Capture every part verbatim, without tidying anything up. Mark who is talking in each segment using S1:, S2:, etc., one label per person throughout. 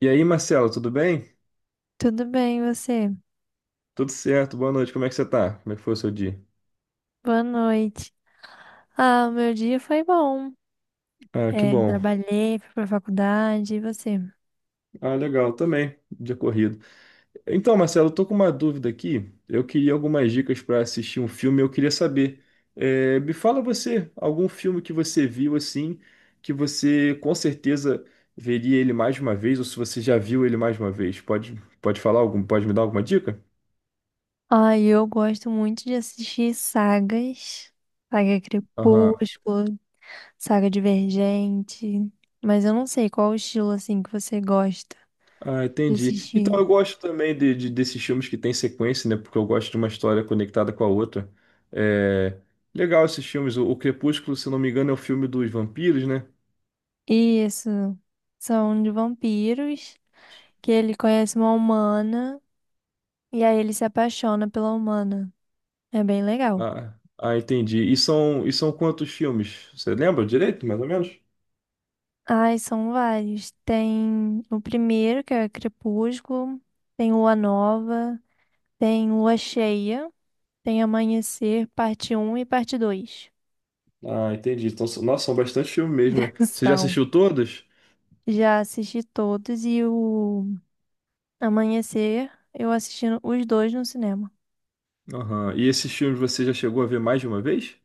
S1: E aí, Marcelo, tudo bem?
S2: Tudo bem, e você?
S1: Tudo certo, boa noite, como é que você tá? Como é que foi o seu dia?
S2: Boa noite. Ah, o meu dia foi bom.
S1: Ah, que
S2: É,
S1: bom.
S2: trabalhei, fui pra faculdade, e você?
S1: Ah, legal, também, dia corrido. Então, Marcelo, eu tô com uma dúvida aqui. Eu queria algumas dicas para assistir um filme, eu queria saber. Eh, me fala você, algum filme que você viu assim, que você com certeza veria ele mais de uma vez, ou se você já viu ele mais de uma vez. Pode, pode falar algum, pode me dar alguma dica?
S2: Ah, eu gosto muito de assistir sagas, saga Crepúsculo, saga Divergente, mas eu não sei qual o estilo, assim, que você gosta
S1: Ah,
S2: de
S1: entendi. Então
S2: assistir.
S1: eu gosto também de, de- desses filmes que tem sequência, né? Porque eu gosto de uma história conectada com a outra. É... Legal esses filmes. O, o Crepúsculo, se não me engano, é o filme dos vampiros, né?
S2: Isso, são de vampiros, que ele conhece uma humana, e aí ele se apaixona pela humana. É bem legal.
S1: Ah, ah, entendi. E são, e são quantos filmes? Você lembra direito, mais ou menos?
S2: Ai, são vários. Tem o primeiro, que é Crepúsculo, tem Lua Nova, tem Lua Cheia, tem Amanhecer, parte um e parte dois.
S1: Ah, entendi. Então, são- nossa, são bastante filmes mesmo, né? Você já
S2: São.
S1: assistiu todos?
S2: Já assisti todos e o Amanhecer, eu assisti no- os dois no cinema.
S1: Aham. E esses filmes você já chegou a ver mais de uma vez?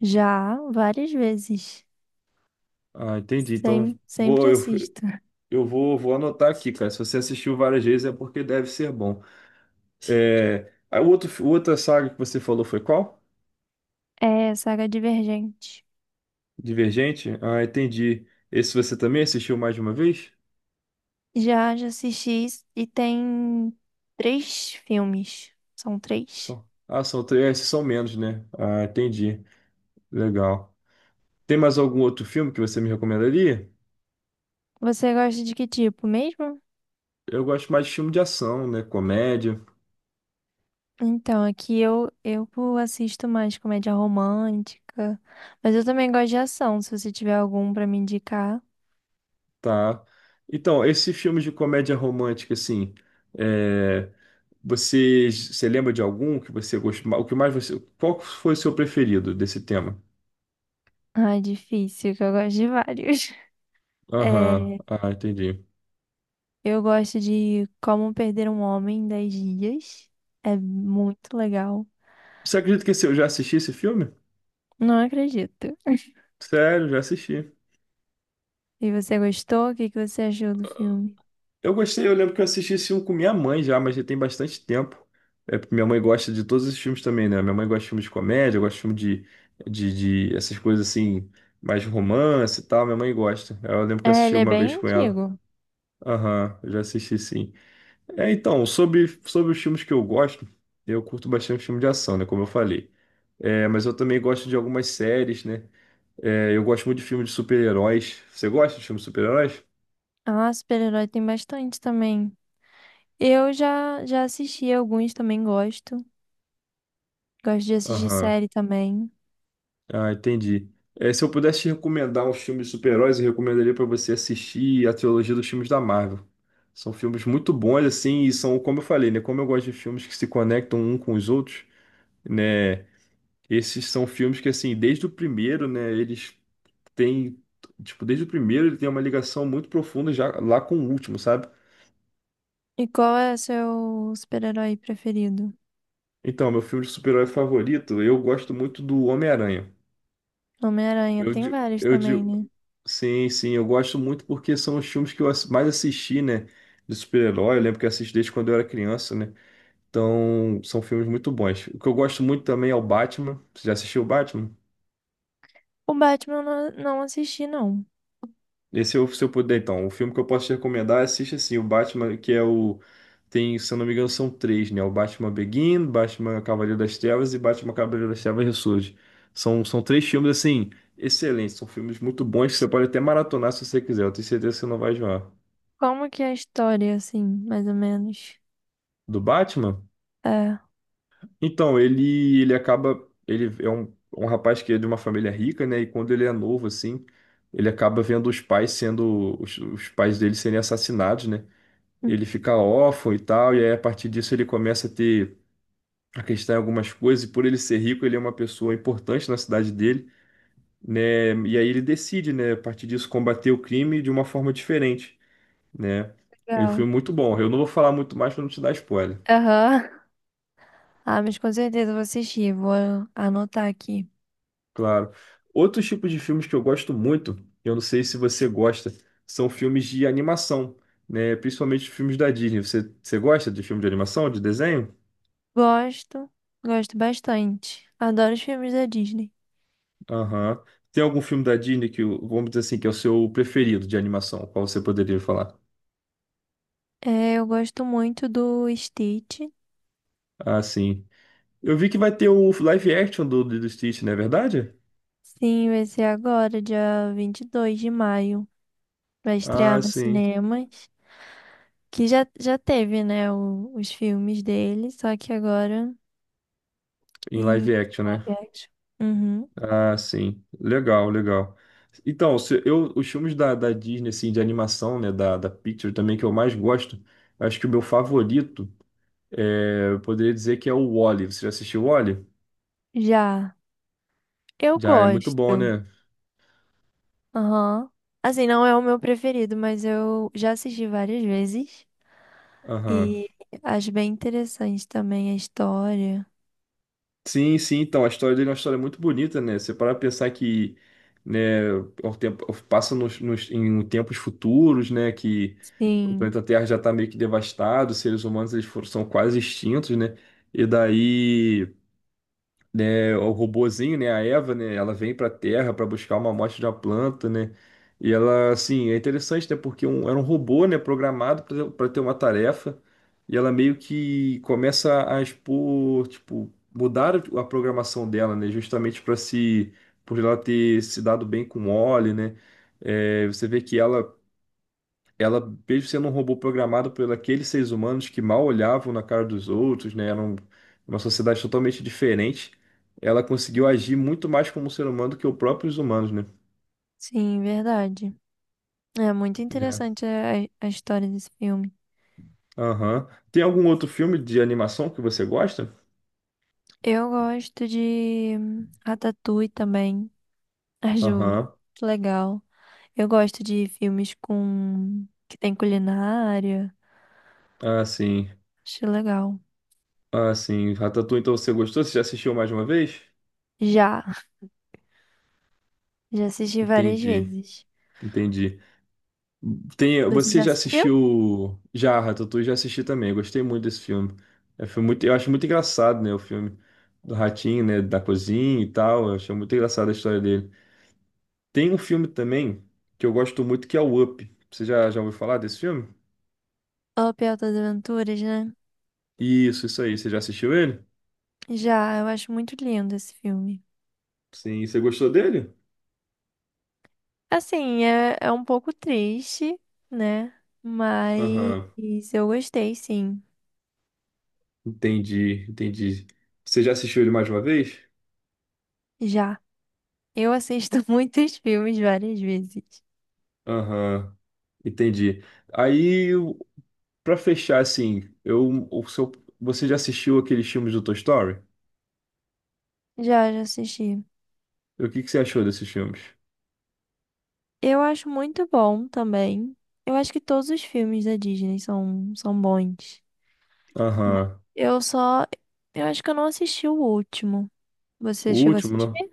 S2: Já várias vezes.
S1: Ah, entendi. Então,
S2: Sem, sempre
S1: vou, eu,
S2: assisto.
S1: eu vou, vou anotar aqui, cara. Se você assistiu várias vezes é porque deve ser bom. É, a outra, outra saga que você falou foi qual?
S2: É Saga Divergente.
S1: Divergente? Ah, entendi. Esse você também assistiu mais de uma vez?
S2: Já, já assisti e tem três filmes. São três.
S1: Só ah, são três, esses são menos, né? Ah, entendi. Legal. Tem mais algum outro filme que você me recomendaria?
S2: Você gosta de que tipo mesmo?
S1: Eu gosto mais de filme de ação, né? Comédia,
S2: Então, aqui eu, eu assisto mais comédia romântica, mas eu também gosto de ação, se você tiver algum pra me indicar.
S1: tá? Então, esse filme de comédia romântica, assim, é, você, você lembra de algum que você gostou? O que mais você, qual foi o seu preferido desse tema?
S2: Ah, é difícil, que eu gosto de vários. É,
S1: Aham, ah, entendi.
S2: eu gosto de Como Perder um Homem em 10 Dias. É muito legal.
S1: Você acredita que esse- eu já assisti esse filme?
S2: Não acredito.
S1: Sério, já assisti.
S2: E você gostou? O que que você achou do filme?
S1: Eu gostei, eu lembro que eu assisti esse filme com minha mãe já, mas já tem bastante tempo. É, porque minha mãe gosta de todos esses filmes também, né? Minha mãe gosta de filme de comédia, gosta de filme de, de, de essas coisas assim, mais romance e tal. Minha mãe gosta. Eu lembro que eu
S2: É,
S1: assisti
S2: ele é
S1: uma vez
S2: bem
S1: com ela.
S2: antigo.
S1: Aham, eu já assisti sim. É, então, sobre, sobre os filmes que eu gosto, eu curto bastante filme de ação, né? Como eu falei. É, mas eu também gosto de algumas séries, né? É, eu gosto muito de filmes de super-heróis. Você gosta de filmes de super-heróis?
S2: Ah, super-herói tem bastante também. Eu já, já assisti alguns, também gosto. Gosto de assistir
S1: Aham.
S2: série também.
S1: Ah, entendi. É, se eu pudesse te recomendar um filme de super-heróis, eu recomendaria para você assistir a trilogia dos filmes da Marvel. São filmes muito bons, assim, e são, como eu falei, né? Como eu gosto de filmes que se conectam um com os outros, né? Esses são filmes que, assim, desde o primeiro, né? Eles têm, tipo, desde o primeiro ele tem uma ligação muito profunda já lá com o último, sabe?
S2: E qual é seu super-herói preferido?
S1: Então, meu filme de super-herói favorito, eu gosto muito do Homem-Aranha.
S2: Homem-Aranha,
S1: Eu
S2: tem
S1: digo,
S2: vários
S1: eu
S2: também,
S1: digo,
S2: né?
S1: sim, sim, eu gosto muito porque são os filmes que eu ass- mais assisti, né? De super-herói, eu lembro que eu assisti desde quando eu era criança, né? Então, são filmes muito bons. O que eu gosto muito também é o Batman. Você já assistiu o Batman?
S2: O Batman eu não, não assisti, não.
S1: Esse eu, se eu puder, então, o filme que eu posso te recomendar, assiste assim, o Batman, que é o. Tem, se eu não me engano, são três, né? O Batman Begin, Batman Cavaleiro das Trevas e Batman Cavaleiro das Trevas Ressurge. São, são três filmes, assim, excelentes. São filmes muito bons que você pode até maratonar se você quiser. Eu tenho certeza que você não vai enjoar.
S2: Como que é a história, assim, mais ou menos?
S1: Do Batman?
S2: É, hum,
S1: Então, ele ele acaba. Ele é um, um rapaz que é de uma família rica, né? E quando ele é novo, assim, ele acaba vendo os pais sendo. Os, os pais dele serem assassinados, né? Ele fica órfão e tal, e aí a partir disso ele começa a ter a questão em algumas coisas, e por ele ser rico, ele é uma pessoa importante na cidade dele, né? E aí ele decide, né, a partir disso, combater o crime de uma forma diferente, né? É um
S2: legal.
S1: filme muito bom. Eu não vou falar muito mais para não te dar spoiler.
S2: Aham. Ah, mas com certeza eu vou assistir, vou anotar aqui.
S1: Claro. Outros tipos de filmes que eu gosto muito, eu não sei se você gosta, são filmes de animação, né? Principalmente filmes da Disney. Você, você gosta de filme de animação, de desenho?
S2: Gosto, gosto bastante. Adoro os filmes da Disney.
S1: Aham. Tem algum filme da Disney que, o- vamos dizer assim, que é o seu preferido de animação? Qual você poderia falar?
S2: É, eu gosto muito do Stitch.
S1: Ah, sim. Eu vi que vai ter o live action do, do Stitch, não é verdade?
S2: Sim, vai ser agora, dia vinte e dois de maio. Vai estrear
S1: Ah,
S2: nos
S1: sim.
S2: cinemas. Que já, já teve, né, o- os filmes dele, só que agora
S1: Em
S2: em
S1: live action, né?
S2: live action. Uhum.
S1: Ah, sim. Legal, legal. Então, se eu, os filmes da, da Disney, assim, de animação, né, da, da Pixar também, que eu mais gosto, acho que o meu favorito, é, eu poderia dizer que é o Wall-E. Você já assistiu o Wall-E?
S2: Já. Eu
S1: Já é muito bom,
S2: gosto.
S1: né?
S2: Aham. Assim, não é o meu preferido, mas eu já assisti várias vezes.
S1: Aham.
S2: E acho bem interessante também a história.
S1: Sim, sim, então, a história dele é uma história muito bonita, né? Você para pra pensar que, né, o tempo, passa nos, nos- em tempos futuros, né, que o
S2: Sim,
S1: planeta Terra já está meio que devastado, os seres humanos, eles foram, são quase extintos, né? E daí... né, o robozinho, né, a Eva, né, ela vem para a Terra para buscar uma amostra de uma planta, né? E ela, assim, é interessante, né, porque um, era um robô, né, programado para ter uma tarefa, e ela meio que começa a expor, tipo, mudar a programação dela, né, justamente para se por ela ter se dado bem com o Oli, né? É, você vê que ela ela, mesmo sendo um robô programado por aqueles seres humanos que mal olhavam na cara dos outros, né, eram uma sociedade totalmente diferente, ela conseguiu agir muito mais como um ser humano do que os próprios humanos, né?
S2: sim, verdade. É muito
S1: É.
S2: interessante a, a história desse filme.
S1: Aham. Tem algum outro filme de animação que você gosta?
S2: Eu gosto de Ratatouille também. Ah, Ju,
S1: Aham.
S2: que legal. Eu gosto de filmes com que tem culinária.
S1: Ah, sim.
S2: Acho legal.
S1: Ah, sim. Ratatouille, então você gostou? Você já assistiu mais de uma vez?
S2: Já, já assisti várias
S1: Entendi.
S2: vezes.
S1: Entendi. Tem,
S2: Você
S1: você
S2: já
S1: já
S2: assistiu?
S1: assistiu já, Ratatouille já assisti também. Gostei muito desse filme. É um filme muito, eu acho muito engraçado, né, o filme do ratinho, né, da cozinha e tal. Eu achei muito engraçada a história dele. Tem um filme também que eu gosto muito que é o Up. Você já já ouviu falar desse filme?
S2: Up Altas Aventuras, né?
S1: Isso, isso aí. Você já assistiu ele?
S2: Já, eu acho muito lindo esse filme.
S1: Sim, você gostou dele?
S2: Assim, é, é um pouco triste, né?
S1: Aham.
S2: Mas eu gostei, sim.
S1: Entendi, entendi. Você já assistiu ele mais de uma vez?
S2: Já. Eu assisto muitos filmes várias vezes.
S1: Aham, entendi. Aí pra fechar, assim, eu, o seu, você já assistiu aqueles filmes do Toy Story?
S2: Já, já assisti.
S1: O que que você achou desses filmes?
S2: Eu acho muito bom também. Eu acho que todos os filmes da Disney são, são bons. Mas
S1: Aham.
S2: eu só. Eu acho que eu não assisti o último. Você
S1: O
S2: chegou a
S1: último,
S2: assistir?
S1: não?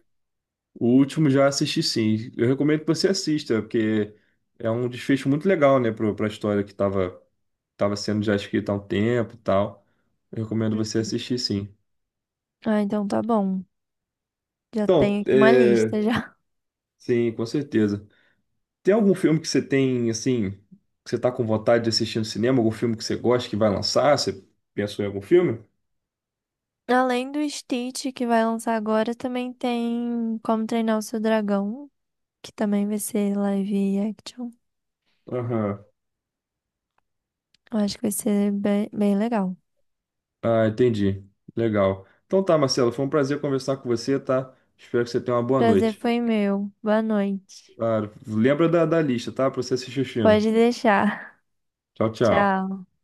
S1: O último já assisti sim. Eu recomendo que você assista, porque é um desfecho muito legal, né, pro- pra história que tava, tava sendo já escrita há um tempo e tal. Eu recomendo você assistir sim.
S2: Ah, então tá bom. Já
S1: Então,
S2: tenho aqui uma
S1: é,
S2: lista já.
S1: sim, com certeza. Tem algum filme que você tem, assim, que você tá com vontade de assistir no cinema? Algum filme que você gosta que vai lançar? Você pensou em algum filme?
S2: Além do Stitch que vai lançar agora, também tem Como Treinar o Seu Dragão, que também vai ser live action.
S1: Aham.
S2: Eu acho que vai ser bem, bem legal.
S1: Ah, entendi. Legal. Então tá, Marcelo, foi um prazer conversar com você, tá? Espero que você tenha uma boa
S2: Prazer
S1: noite.
S2: foi meu. Boa noite.
S1: Claro. Lembra da, da lista, tá? Pra você assistir os
S2: Pode
S1: filmes.
S2: deixar.
S1: Tchau, tchau.
S2: Tchau.